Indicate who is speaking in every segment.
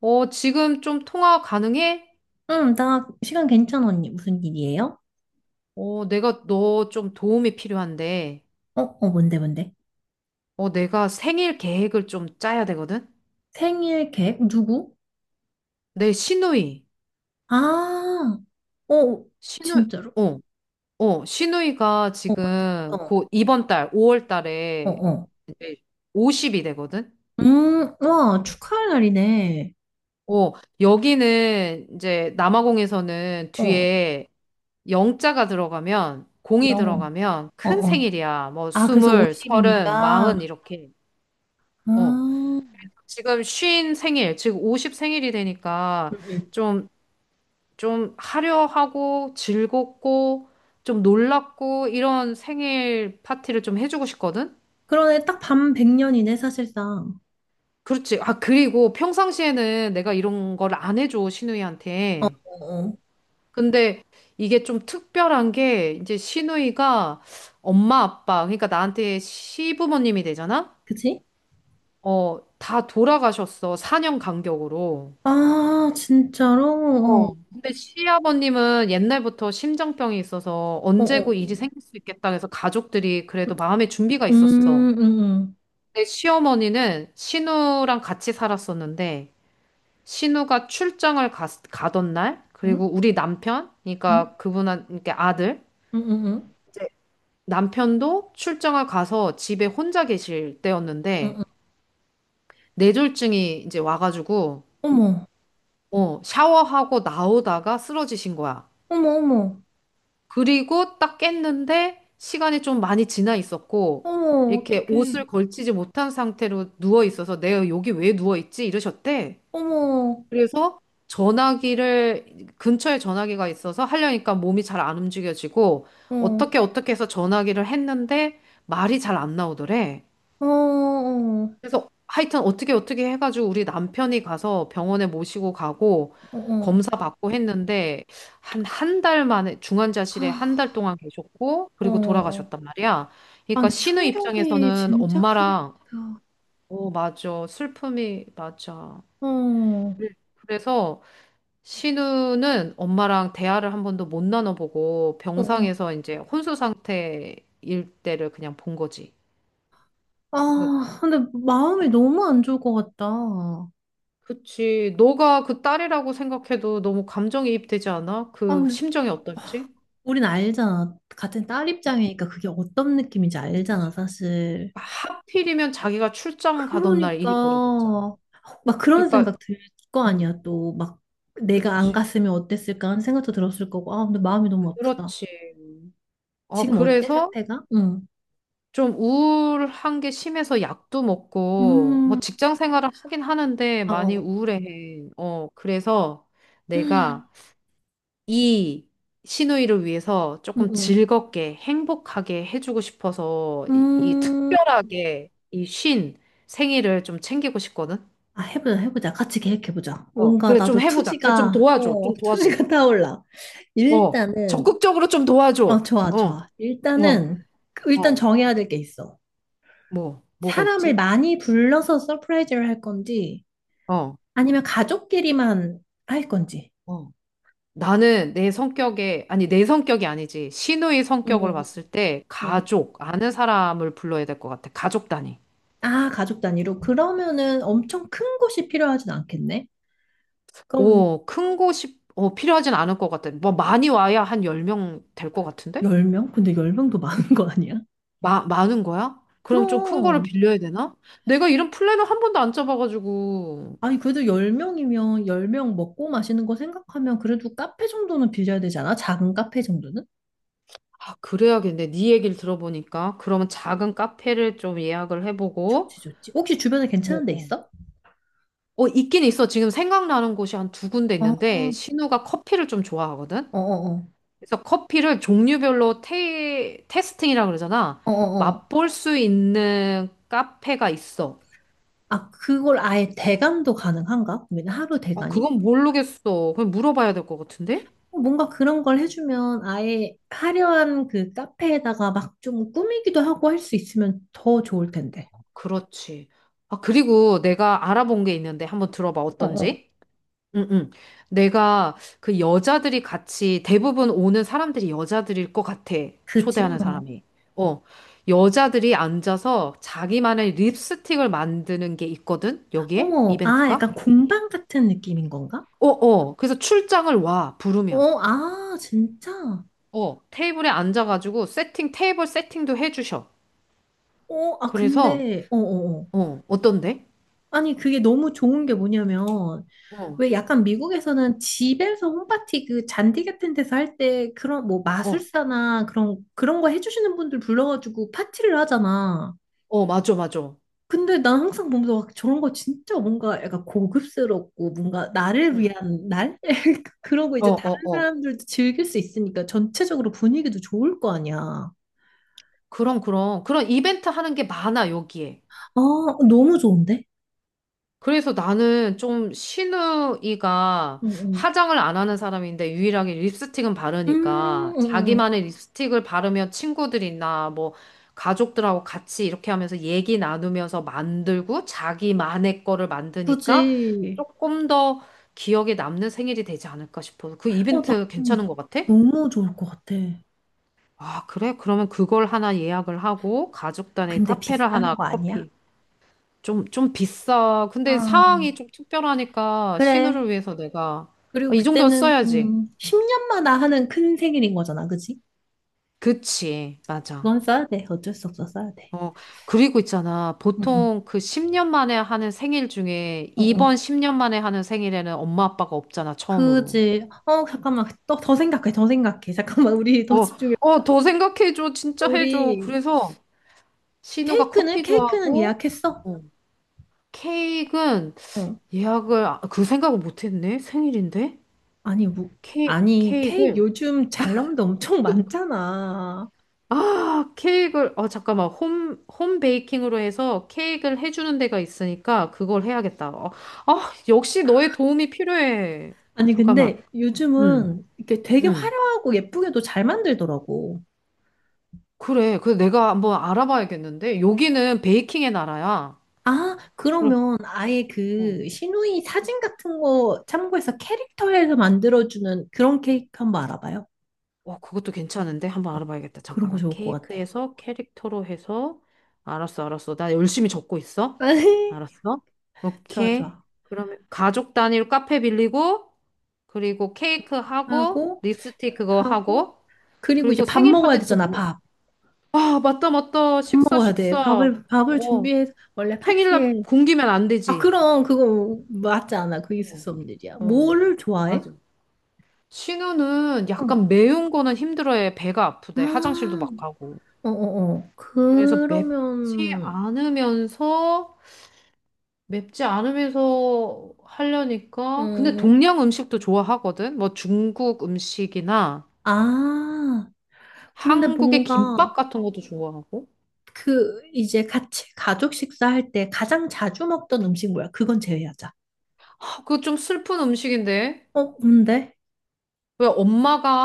Speaker 1: 지금 좀 통화 가능해?
Speaker 2: 응, 나 시간 괜찮아, 언니. 무슨 일이에요?
Speaker 1: 내가 너 좀 도움이 필요한데,
Speaker 2: 어, 어, 뭔데, 뭔데?
Speaker 1: 내가 생일 계획을 좀 짜야 되거든?
Speaker 2: 생일 계획? 누구?
Speaker 1: 내 시누이,
Speaker 2: 아, 어,
Speaker 1: 시누이,
Speaker 2: 진짜로?
Speaker 1: 어, 시누이가
Speaker 2: 어, 언제?
Speaker 1: 지금
Speaker 2: 어,
Speaker 1: 곧 이번 달, 5월
Speaker 2: 어,
Speaker 1: 달에
Speaker 2: 어.
Speaker 1: 이제 50이 되거든?
Speaker 2: 와, 축하할 날이네.
Speaker 1: 어, 여기는 이제 남아공에서는
Speaker 2: 어,
Speaker 1: 뒤에 영자가 들어가면, 공이
Speaker 2: 영.
Speaker 1: 들어가면
Speaker 2: 어,
Speaker 1: 큰
Speaker 2: 어.
Speaker 1: 생일이야. 뭐,
Speaker 2: 아, 그래서
Speaker 1: 스물, 서른, 마흔,
Speaker 2: 50이니까.
Speaker 1: 이렇게. 어.
Speaker 2: 아,
Speaker 1: 지금 쉰 생일, 지금 50 생일이 되니까
Speaker 2: 응, 응.
Speaker 1: 좀, 좀 화려하고 즐겁고 좀 놀랍고 이런 생일 파티를 좀 해주고 싶거든?
Speaker 2: 그러네, 딱 밤 100년이네, 사실상.
Speaker 1: 그렇지. 아, 그리고 평상시에는 내가 이런 걸 안 해줘,
Speaker 2: 어, 어,
Speaker 1: 시누이한테.
Speaker 2: 어.
Speaker 1: 근데 이게 좀 특별한 게 이제 시누이가 엄마, 아빠, 그러니까 나한테 시부모님이 되잖아?
Speaker 2: 그치?
Speaker 1: 어, 다 돌아가셨어. 4년 간격으로.
Speaker 2: 아, 진짜로?
Speaker 1: 어. 근데 시아버님은 옛날부터 심장병이 있어서
Speaker 2: 어, 어,
Speaker 1: 언제고 일이
Speaker 2: 어.
Speaker 1: 생길 수 있겠다 해서 가족들이 그래도 마음의 준비가 있었어.
Speaker 2: 음, 음,
Speaker 1: 내 시어머니는 신우랑 같이 살았었는데 신우가 출장을 가던 날 그리고
Speaker 2: 음,
Speaker 1: 우리 남편
Speaker 2: 음,
Speaker 1: 그러니까 그분한 그러니까 아들
Speaker 2: 음, 음, 음, 음,
Speaker 1: 남편도 출장을 가서 집에 혼자 계실 때였는데
Speaker 2: 음.
Speaker 1: 뇌졸중이 이제 와가지고
Speaker 2: 어머,
Speaker 1: 샤워하고 나오다가 쓰러지신 거야.
Speaker 2: 어머, 어머,
Speaker 1: 그리고 딱 깼는데 시간이 좀 많이 지나 있었고
Speaker 2: 어머,
Speaker 1: 이렇게 옷을
Speaker 2: 어떡해.
Speaker 1: 걸치지 못한 상태로 누워 있어서 내가 여기 왜 누워 있지? 이러셨대.
Speaker 2: 어머,
Speaker 1: 그래서 전화기를 근처에 전화기가 있어서 하려니까 몸이 잘 안 움직여지고
Speaker 2: 어,
Speaker 1: 어떻게 어떻게 해서 전화기를 했는데 말이 잘 안 나오더래.
Speaker 2: 어, 어,
Speaker 1: 그래서 하여튼 어떻게 어떻게 해가지고 우리 남편이 가서 병원에 모시고 가고
Speaker 2: 어, 어.
Speaker 1: 검사 받고 했는데 한 한 달 만에 중환자실에 한 달
Speaker 2: 하,
Speaker 1: 동안 계셨고 그리고
Speaker 2: 어.
Speaker 1: 돌아가셨단 말이야.
Speaker 2: 아,
Speaker 1: 그러니까
Speaker 2: 근데
Speaker 1: 신우
Speaker 2: 충격이
Speaker 1: 입장에서는
Speaker 2: 진짜 크겠다.
Speaker 1: 엄마랑 어, 맞아. 슬픔이 맞아.
Speaker 2: 어, 어,
Speaker 1: 그래서 신우는 엄마랑 대화를 한 번도 못 나눠보고
Speaker 2: 어.
Speaker 1: 병상에서 이제 혼수 상태일 때를 그냥 본 거지. 그러니까
Speaker 2: 아, 근데 마음이 너무 안 좋을 것 같다. 아,
Speaker 1: 그치. 너가 그 딸이라고 생각해도 너무 감정이입되지 않아? 그
Speaker 2: 근데
Speaker 1: 심정이 어떨지?
Speaker 2: 우린 알잖아. 같은 딸 입장이니까 그게 어떤 느낌인지 알잖아,
Speaker 1: 그치.
Speaker 2: 사실.
Speaker 1: 하필이면 자기가 출장 가던 날
Speaker 2: 그러니까
Speaker 1: 일이 벌어졌잖아.
Speaker 2: 막 그런
Speaker 1: 그러니까,
Speaker 2: 생각 들 거
Speaker 1: 음,
Speaker 2: 아니야? 또 막 내가 안
Speaker 1: 그치.
Speaker 2: 갔으면 어땠을까 하는 생각도 들었을 거고. 아, 근데 마음이 너무 아프다.
Speaker 1: 그렇지.
Speaker 2: 지금 어때,
Speaker 1: 그래서
Speaker 2: 상태가? 응.
Speaker 1: 좀 우울한 게 심해서 약도 먹고,
Speaker 2: 음.
Speaker 1: 뭐 직장 생활을 하긴 하는데
Speaker 2: 아, 어.
Speaker 1: 많이
Speaker 2: 어.
Speaker 1: 우울해. 그래서
Speaker 2: 음.
Speaker 1: 내가 이 시누이를 위해서 조금
Speaker 2: 음.
Speaker 1: 즐겁게 행복하게 해주고 싶어서 이
Speaker 2: 음.
Speaker 1: 특별하게 이 쉰 생일을 좀 챙기고 싶거든.
Speaker 2: 아, 해보자, 해보자, 같이 계획해보자. 뭔가
Speaker 1: 그래,
Speaker 2: 나도
Speaker 1: 좀 해보자. 그래, 좀
Speaker 2: 투지가,
Speaker 1: 도와줘.
Speaker 2: 어
Speaker 1: 좀 도와줘.
Speaker 2: 투지가 타올라.
Speaker 1: 어,
Speaker 2: 일단은,
Speaker 1: 적극적으로 좀 도와줘.
Speaker 2: 좋아,
Speaker 1: 어,
Speaker 2: 좋아.
Speaker 1: 어,
Speaker 2: 일단은, 일단
Speaker 1: 어.
Speaker 2: 정해야 될 게 있어.
Speaker 1: 뭐가
Speaker 2: 사람을
Speaker 1: 있지?
Speaker 2: 많이 불러서 서프라이즈를 할 건지,
Speaker 1: 어,
Speaker 2: 아니면 가족끼리만 할 건지.
Speaker 1: 어. 나는 내 성격에, 아니 내 성격이 아니지. 시누이 성격을
Speaker 2: 음,
Speaker 1: 봤을 때
Speaker 2: 음, 음.
Speaker 1: 가족, 아는 사람을 불러야 될 것 같아. 가족 단위.
Speaker 2: 아, 가족 단위로. 그러면은 엄청 큰 곳이 필요하진 않겠네? 그럼
Speaker 1: 오, 큰 곳이 필요하진 않을 것 같아. 뭐 많이 와야 한 10명 될 것 같은데?
Speaker 2: 10명? 근데 10명도 많은 거 아니야?
Speaker 1: 많은 거야? 그럼 좀 큰 거를
Speaker 2: 그럼.
Speaker 1: 빌려야 되나? 내가 이런 플랜을 한 번도 안 짜봐가지고.
Speaker 2: 아니, 그래도 10명이면 10명 먹고 마시는 거 생각하면 그래도 카페 정도는 빌려야 되지 않아? 작은 카페 정도는?
Speaker 1: 아, 그래야겠네. 네 얘기를 들어보니까. 그러면 작은 카페를 좀 예약을 해보고.
Speaker 2: 좋지, 좋지. 혹시 주변에
Speaker 1: 어,
Speaker 2: 괜찮은 데
Speaker 1: 어.
Speaker 2: 있어?
Speaker 1: 있긴 있어. 지금 생각나는 곳이 한 두 군데 있는데,
Speaker 2: 어,
Speaker 1: 신우가 커피를 좀 좋아하거든?
Speaker 2: 어, 어, 어.
Speaker 1: 그래서 커피를 종류별로 테스팅이라 그러잖아.
Speaker 2: 어어어.
Speaker 1: 맛볼 수 있는 카페가 있어.
Speaker 2: 아, 그걸 아예 대관도 가능한가? 그러면 하루
Speaker 1: 아,
Speaker 2: 대관이?
Speaker 1: 그건 모르겠어. 그냥 물어봐야 될 것 같은데?
Speaker 2: 뭔가 그런 걸 해주면 아예 화려한 그 카페에다가 막 좀 꾸미기도 하고 할 수 있으면 더 좋을 텐데.
Speaker 1: 그렇지. 아, 그리고 내가 알아본 게 있는데 한번 들어봐,
Speaker 2: 어, 어.
Speaker 1: 어떤지? 응, 응. 내가 그 여자들이 같이 대부분 오는 사람들이 여자들일 것 같아.
Speaker 2: 그지?
Speaker 1: 초대하는
Speaker 2: 어.
Speaker 1: 사람이. 어. 여자들이 앉아서 자기만의 립스틱을 만드는 게 있거든? 여기에?
Speaker 2: 어머, 아,
Speaker 1: 이벤트가?
Speaker 2: 약간 공방 같은 느낌인 건가?
Speaker 1: 어, 어. 그래서 출장을 와, 부르면.
Speaker 2: 어, 아, 진짜?
Speaker 1: 어. 테이블에 앉아가지고 세팅, 테이블 세팅도 해주셔.
Speaker 2: 어, 아,
Speaker 1: 그래서,
Speaker 2: 근데, 어, 어, 어.
Speaker 1: 어떤데?
Speaker 2: 아니, 그게 너무 좋은 게 뭐냐면,
Speaker 1: 어.
Speaker 2: 왜 약간 미국에서는 집에서 홈파티 그 잔디 같은 데서 할 때 그런 뭐
Speaker 1: 어,
Speaker 2: 마술사나 그런 거 해주시는 분들 불러가지고 파티를 하잖아.
Speaker 1: 맞아, 맞아.
Speaker 2: 근데 난 항상 보면서 막 저런 거 진짜 뭔가 약간 고급스럽고 뭔가 나를
Speaker 1: 응.
Speaker 2: 위한 날? 그러고
Speaker 1: 어,
Speaker 2: 이제
Speaker 1: 어,
Speaker 2: 다른
Speaker 1: 어.
Speaker 2: 사람들도 즐길 수 있으니까 전체적으로 분위기도 좋을 거 아니야.
Speaker 1: 그럼, 그럼. 그런 이벤트 하는 게 많아, 여기에.
Speaker 2: 아, 너무 좋은데?
Speaker 1: 그래서 나는 좀 신우이가
Speaker 2: 응, 응.
Speaker 1: 화장을 안 하는 사람인데 유일하게 립스틱은 바르니까
Speaker 2: 응, 응.
Speaker 1: 자기만의 립스틱을 바르면 친구들이나 뭐 가족들하고 같이 이렇게 하면서 얘기 나누면서 만들고 자기만의 거를
Speaker 2: 그
Speaker 1: 만드니까
Speaker 2: 이
Speaker 1: 조금 더 기억에 남는 생일이 되지 않을까 싶어서 그
Speaker 2: 어, 나,
Speaker 1: 이벤트
Speaker 2: 음,
Speaker 1: 괜찮은 것 같아?
Speaker 2: 너무 좋을 것 같아.
Speaker 1: 아, 그래? 그러면 그걸 하나 예약을 하고 가족 단위
Speaker 2: 근데
Speaker 1: 카페를
Speaker 2: 비싼
Speaker 1: 하나
Speaker 2: 거 아니야?
Speaker 1: 커피. 좀 비싸. 근데 상황이
Speaker 2: 아,
Speaker 1: 좀 특별하니까
Speaker 2: 그래.
Speaker 1: 신우를 위해서 내가
Speaker 2: 그리고
Speaker 1: 아, 이 정도는
Speaker 2: 그때는,
Speaker 1: 써야지.
Speaker 2: 10년마다 하는 큰 생일인 거잖아, 그치?
Speaker 1: 그치. 맞아.
Speaker 2: 그건 써야 돼. 어쩔 수 없어, 써야 돼.
Speaker 1: 어, 그리고 있잖아.
Speaker 2: 응응.
Speaker 1: 보통 그 10년 만에 하는 생일 중에 이번
Speaker 2: 응응.
Speaker 1: 10년 만에 하는 생일에는 엄마 아빠가 없잖아. 처음으로.
Speaker 2: 그지. 어, 잠깐만. 또, 더 생각해, 더 생각해. 잠깐만, 우리
Speaker 1: 어,
Speaker 2: 더 집중해보자.
Speaker 1: 어, 더 생각해줘. 진짜 해줘.
Speaker 2: 우리,
Speaker 1: 그래서 신우가
Speaker 2: 케이크는?
Speaker 1: 커피
Speaker 2: 케이크는
Speaker 1: 좋아하고
Speaker 2: 예약했어?
Speaker 1: 어, 케이크는
Speaker 2: 어.
Speaker 1: 예약을 아, 그 생각을 못했네. 생일인데
Speaker 2: 아니, 뭐,
Speaker 1: 케
Speaker 2: 아니, 케이크
Speaker 1: 케이크를
Speaker 2: 요즘 잘 나온 데 엄청 많잖아.
Speaker 1: 아, 케이크를. 잠깐만. 홈 베이킹으로 해서 케이크를 해주는 데가 있으니까 그걸 해야겠다. 아, 역시 너의 도움이 필요해.
Speaker 2: 아니,
Speaker 1: 잠깐만.
Speaker 2: 근데
Speaker 1: 응,
Speaker 2: 요즘은 이렇게 되게
Speaker 1: 응.
Speaker 2: 화려하고 예쁘게도 잘 만들더라고.
Speaker 1: 그래. 그 내가 한번 알아봐야겠는데 여기는 베이킹의 나라야.
Speaker 2: 아, 그러면 아예
Speaker 1: 그럼.
Speaker 2: 그 시누이 사진 같은 거 참고해서 캐릭터에서 만들어주는 그런 케이크 한번 알아봐요.
Speaker 1: 그것도 괜찮은데? 한번 알아봐야겠다.
Speaker 2: 그런 거
Speaker 1: 잠깐만.
Speaker 2: 좋을 것 같아.
Speaker 1: 케이크에서 캐릭터로 해서. 알았어, 알았어. 나 열심히 적고 있어. 알았어.
Speaker 2: 좋아,
Speaker 1: 오케이.
Speaker 2: 좋아.
Speaker 1: 그러면 가족 단위로 카페 빌리고, 그리고 케이크 하고,
Speaker 2: 하고,
Speaker 1: 립스틱 그거
Speaker 2: 하고,
Speaker 1: 하고,
Speaker 2: 그리고
Speaker 1: 그리고
Speaker 2: 이제 밥
Speaker 1: 생일
Speaker 2: 먹어야
Speaker 1: 파티 또
Speaker 2: 되잖아,
Speaker 1: 뭐.
Speaker 2: 밥.
Speaker 1: 아, 맞다, 맞다.
Speaker 2: 밥
Speaker 1: 식사,
Speaker 2: 먹어야 돼.
Speaker 1: 식사.
Speaker 2: 밥을
Speaker 1: 어.
Speaker 2: 준비해서 원래
Speaker 1: 생일날
Speaker 2: 파티에.
Speaker 1: 굶기면 안
Speaker 2: 아,
Speaker 1: 되지.
Speaker 2: 그럼 그거 맞지 않아. 그 있을 수 없는 일이야.
Speaker 1: 어,
Speaker 2: 뭐를 좋아해?
Speaker 1: 맞아. 신우는
Speaker 2: 응.
Speaker 1: 약간 매운 거는 힘들어해. 배가 아프대. 화장실도
Speaker 2: 아,
Speaker 1: 막 가고.
Speaker 2: 어어어.
Speaker 1: 그래서 맵지
Speaker 2: 그러면,
Speaker 1: 않으면서 맵지 않으면서 하려니까 근데
Speaker 2: 음,
Speaker 1: 동양 음식도 좋아하거든. 뭐 중국 음식이나
Speaker 2: 아, 근데
Speaker 1: 한국의
Speaker 2: 뭔가
Speaker 1: 김밥 같은 것도 좋아하고.
Speaker 2: 그 이제 같이 가족 식사할 때 가장 자주 먹던 음식 뭐야? 그건 제외하자.
Speaker 1: 아, 그거 좀 슬픈 음식인데.
Speaker 2: 어, 뭔데?
Speaker 1: 왜 엄마가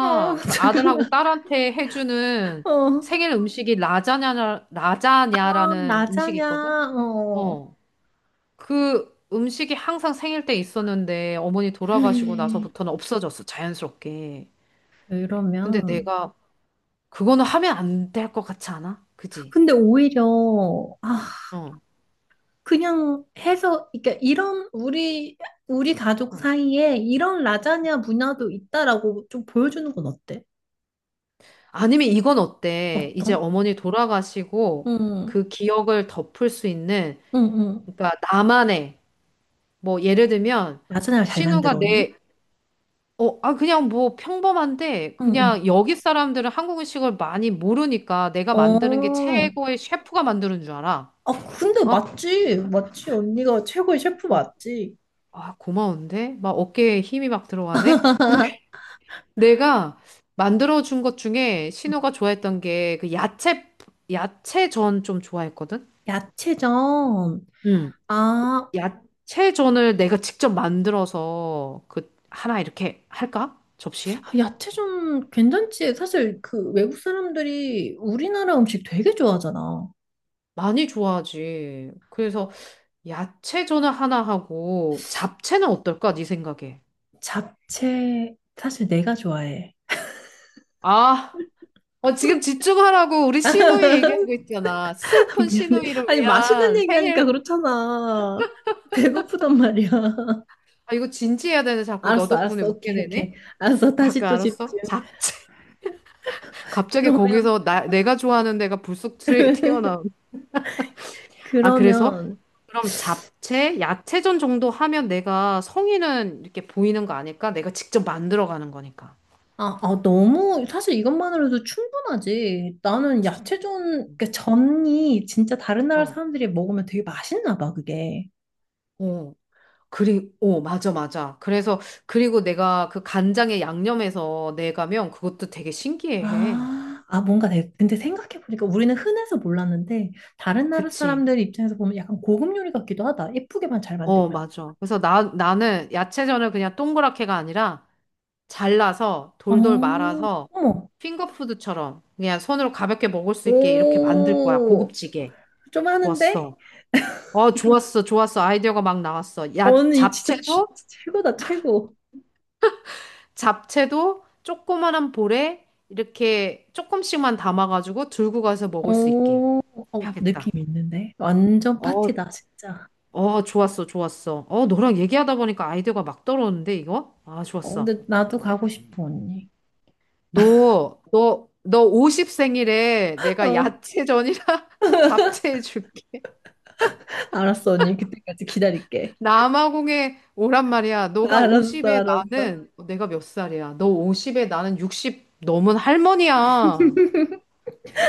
Speaker 2: 어,
Speaker 1: 그 아들하고
Speaker 2: 잠깐만.
Speaker 1: 딸한테 해주는
Speaker 2: 어,
Speaker 1: 생일 음식이
Speaker 2: 아,
Speaker 1: 라자냐라는 음식이 있거든.
Speaker 2: 라자냐. 어.
Speaker 1: 어. 그 음식이 항상 생일 때 있었는데 어머니 돌아가시고
Speaker 2: 음.
Speaker 1: 나서부터는 없어졌어. 자연스럽게. 근데
Speaker 2: 그러면,
Speaker 1: 내가 그거는 하면 안 될 것 같지 않아? 그지?
Speaker 2: 근데 오히려, 아,
Speaker 1: 어.
Speaker 2: 그냥 해서, 그러니까 이런 우리 가족
Speaker 1: 어.
Speaker 2: 사이에 이런 라자냐 문화도 있다라고 좀 보여주는 건 어때?
Speaker 1: 아니면 이건 어때? 이제
Speaker 2: 어떤?
Speaker 1: 어머니 돌아가시고
Speaker 2: 응,
Speaker 1: 그 기억을 덮을 수 있는
Speaker 2: 응, 응.
Speaker 1: 그러니까 나만의 뭐 예를 들면
Speaker 2: 라자냐를 잘
Speaker 1: 신우가
Speaker 2: 만들어, 언니?
Speaker 1: 내 아, 그냥 뭐 평범한데
Speaker 2: 응, 응.
Speaker 1: 그냥 여기 사람들은 한국 음식을 많이 모르니까 내가 만드는 게
Speaker 2: 어,
Speaker 1: 최고의 셰프가 만드는 줄 알아.
Speaker 2: 아, 근데
Speaker 1: 어?
Speaker 2: 맞지, 맞지, 언니가 최고의 셰프
Speaker 1: 어.
Speaker 2: 맞지?
Speaker 1: 아, 고마운데? 막 어깨에 힘이 막 들어가네? 내가 만들어준 것 중에
Speaker 2: 응.
Speaker 1: 신우가 좋아했던 게 그 야채전 좀 좋아했거든?
Speaker 2: 야채전.
Speaker 1: 응.
Speaker 2: 아,
Speaker 1: 야채전을 내가 직접 만들어서 그 하나 이렇게 할까? 접시에?
Speaker 2: 야채전 괜찮지. 사실 그 외국 사람들이 우리나라 음식 되게 좋아하잖아.
Speaker 1: 많이 좋아하지. 그래서 야채전을 하나 하고 잡채는 어떨까? 네 생각에.
Speaker 2: 잡채 사실 내가 좋아해.
Speaker 1: 아, 지금 집중하라고 우리 신우이 얘기하고 있잖아. 슬픈
Speaker 2: 미안해.
Speaker 1: 신우이를
Speaker 2: 아니, 맛있는
Speaker 1: 위한
Speaker 2: 얘기하니까
Speaker 1: 생일.
Speaker 2: 그렇잖아. 배고프단 말이야.
Speaker 1: 아, 이거 진지해야 되네. 자꾸 너
Speaker 2: 알았어,
Speaker 1: 덕분에
Speaker 2: 알았어.
Speaker 1: 웃게
Speaker 2: 오케이, 오케이.
Speaker 1: 되네.
Speaker 2: 알았어. 다시
Speaker 1: 잠깐
Speaker 2: 또 집중.
Speaker 1: 알았어? 잡채. 갑자기
Speaker 2: 그러면,
Speaker 1: 거기서 내가 좋아하는 데가 불쑥 튀어나온. 아, 그래서?
Speaker 2: 그러면,
Speaker 1: 그럼 잡채, 야채전 정도 하면 내가 성의는 이렇게 보이는 거 아닐까? 내가 직접 만들어 가는 거니까.
Speaker 2: 아, 아, 너무 사실 이것만으로도 충분하지. 나는 야채전, 그러니까 전이 진짜 다른 나라
Speaker 1: 어.
Speaker 2: 사람들이 먹으면 되게 맛있나 봐, 그게.
Speaker 1: 어, 맞아, 맞아. 그래서, 그리고 내가 그 간장에 양념해서 내가면 그것도 되게 신기해.
Speaker 2: 아, 아, 뭔가 근데 생각해보니까 우리는 흔해서 몰랐는데, 다른 나라
Speaker 1: 그치?
Speaker 2: 사람들 입장에서 보면 약간 고급 요리 같기도 하다. 예쁘게만 잘
Speaker 1: 어,
Speaker 2: 만들면.
Speaker 1: 맞아. 그래서 나는 야채전을 그냥 동그랗게가 아니라 잘라서
Speaker 2: 어,
Speaker 1: 돌돌 말아서
Speaker 2: 어머.
Speaker 1: 핑거푸드처럼 그냥 손으로 가볍게 먹을 수 있게 이렇게 만들 거야.
Speaker 2: 오,
Speaker 1: 고급지게.
Speaker 2: 좀 하는데?
Speaker 1: 좋았어. 좋았어. 좋았어. 아이디어가 막 나왔어. 야,
Speaker 2: 언니 진짜
Speaker 1: 잡채도
Speaker 2: 최고다, 최고.
Speaker 1: 잡채도 조그만한 볼에 이렇게 조금씩만 담아가지고 들고 가서 먹을 수 있게
Speaker 2: 오, 어,
Speaker 1: 해야겠다.
Speaker 2: 느낌 있는데? 완전
Speaker 1: 어,
Speaker 2: 파티다, 진짜.
Speaker 1: 좋았어. 좋았어. 너랑 얘기하다 보니까 아이디어가 막 떨어오는데 이거? 아,
Speaker 2: 어,
Speaker 1: 좋았어.
Speaker 2: 근데 나도 가고 싶어, 언니.
Speaker 1: 너 50 생일에 내가
Speaker 2: 어,
Speaker 1: 야채전이랑 잡채 해줄게.
Speaker 2: 알았어, 언니. 그때까지 기다릴게.
Speaker 1: 남아공에 오란 말이야. 너가
Speaker 2: 알았어,
Speaker 1: 50에
Speaker 2: 알았어.
Speaker 1: 나는, 내가 몇 살이야? 너 50에 나는 60 넘은 할머니야.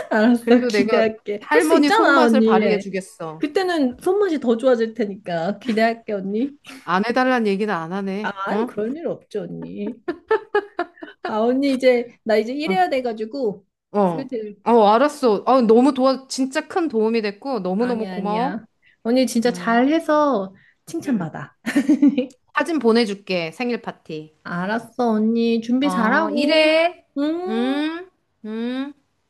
Speaker 2: 알았어,
Speaker 1: 그래도 내가
Speaker 2: 기대할게. 할 수
Speaker 1: 할머니
Speaker 2: 있잖아,
Speaker 1: 손맛을
Speaker 2: 언니.
Speaker 1: 발휘해 주겠어.
Speaker 2: 그때는 손맛이 더 좋아질 테니까 기대할게, 언니.
Speaker 1: 안 해달란 얘기는 안
Speaker 2: 아,
Speaker 1: 하네.
Speaker 2: 아유,
Speaker 1: 응?
Speaker 2: 그럴 일 없죠, 언니. 아, 언니, 이제 나 이제
Speaker 1: 어,
Speaker 2: 일해야 돼가지고
Speaker 1: 어, 어,
Speaker 2: 슬슬.
Speaker 1: 어, 알았어. 너무 도와, 진짜 큰 도움이 됐고, 너무너무
Speaker 2: 아니야,
Speaker 1: 고마워.
Speaker 2: 아니야. 언니 진짜
Speaker 1: 응,
Speaker 2: 잘해서
Speaker 1: 응.
Speaker 2: 칭찬받아.
Speaker 1: 사진 보내줄게. 생일 파티.
Speaker 2: 알았어, 언니, 준비
Speaker 1: 어,
Speaker 2: 잘하고.
Speaker 1: 이래.
Speaker 2: 음.
Speaker 1: 응, 응.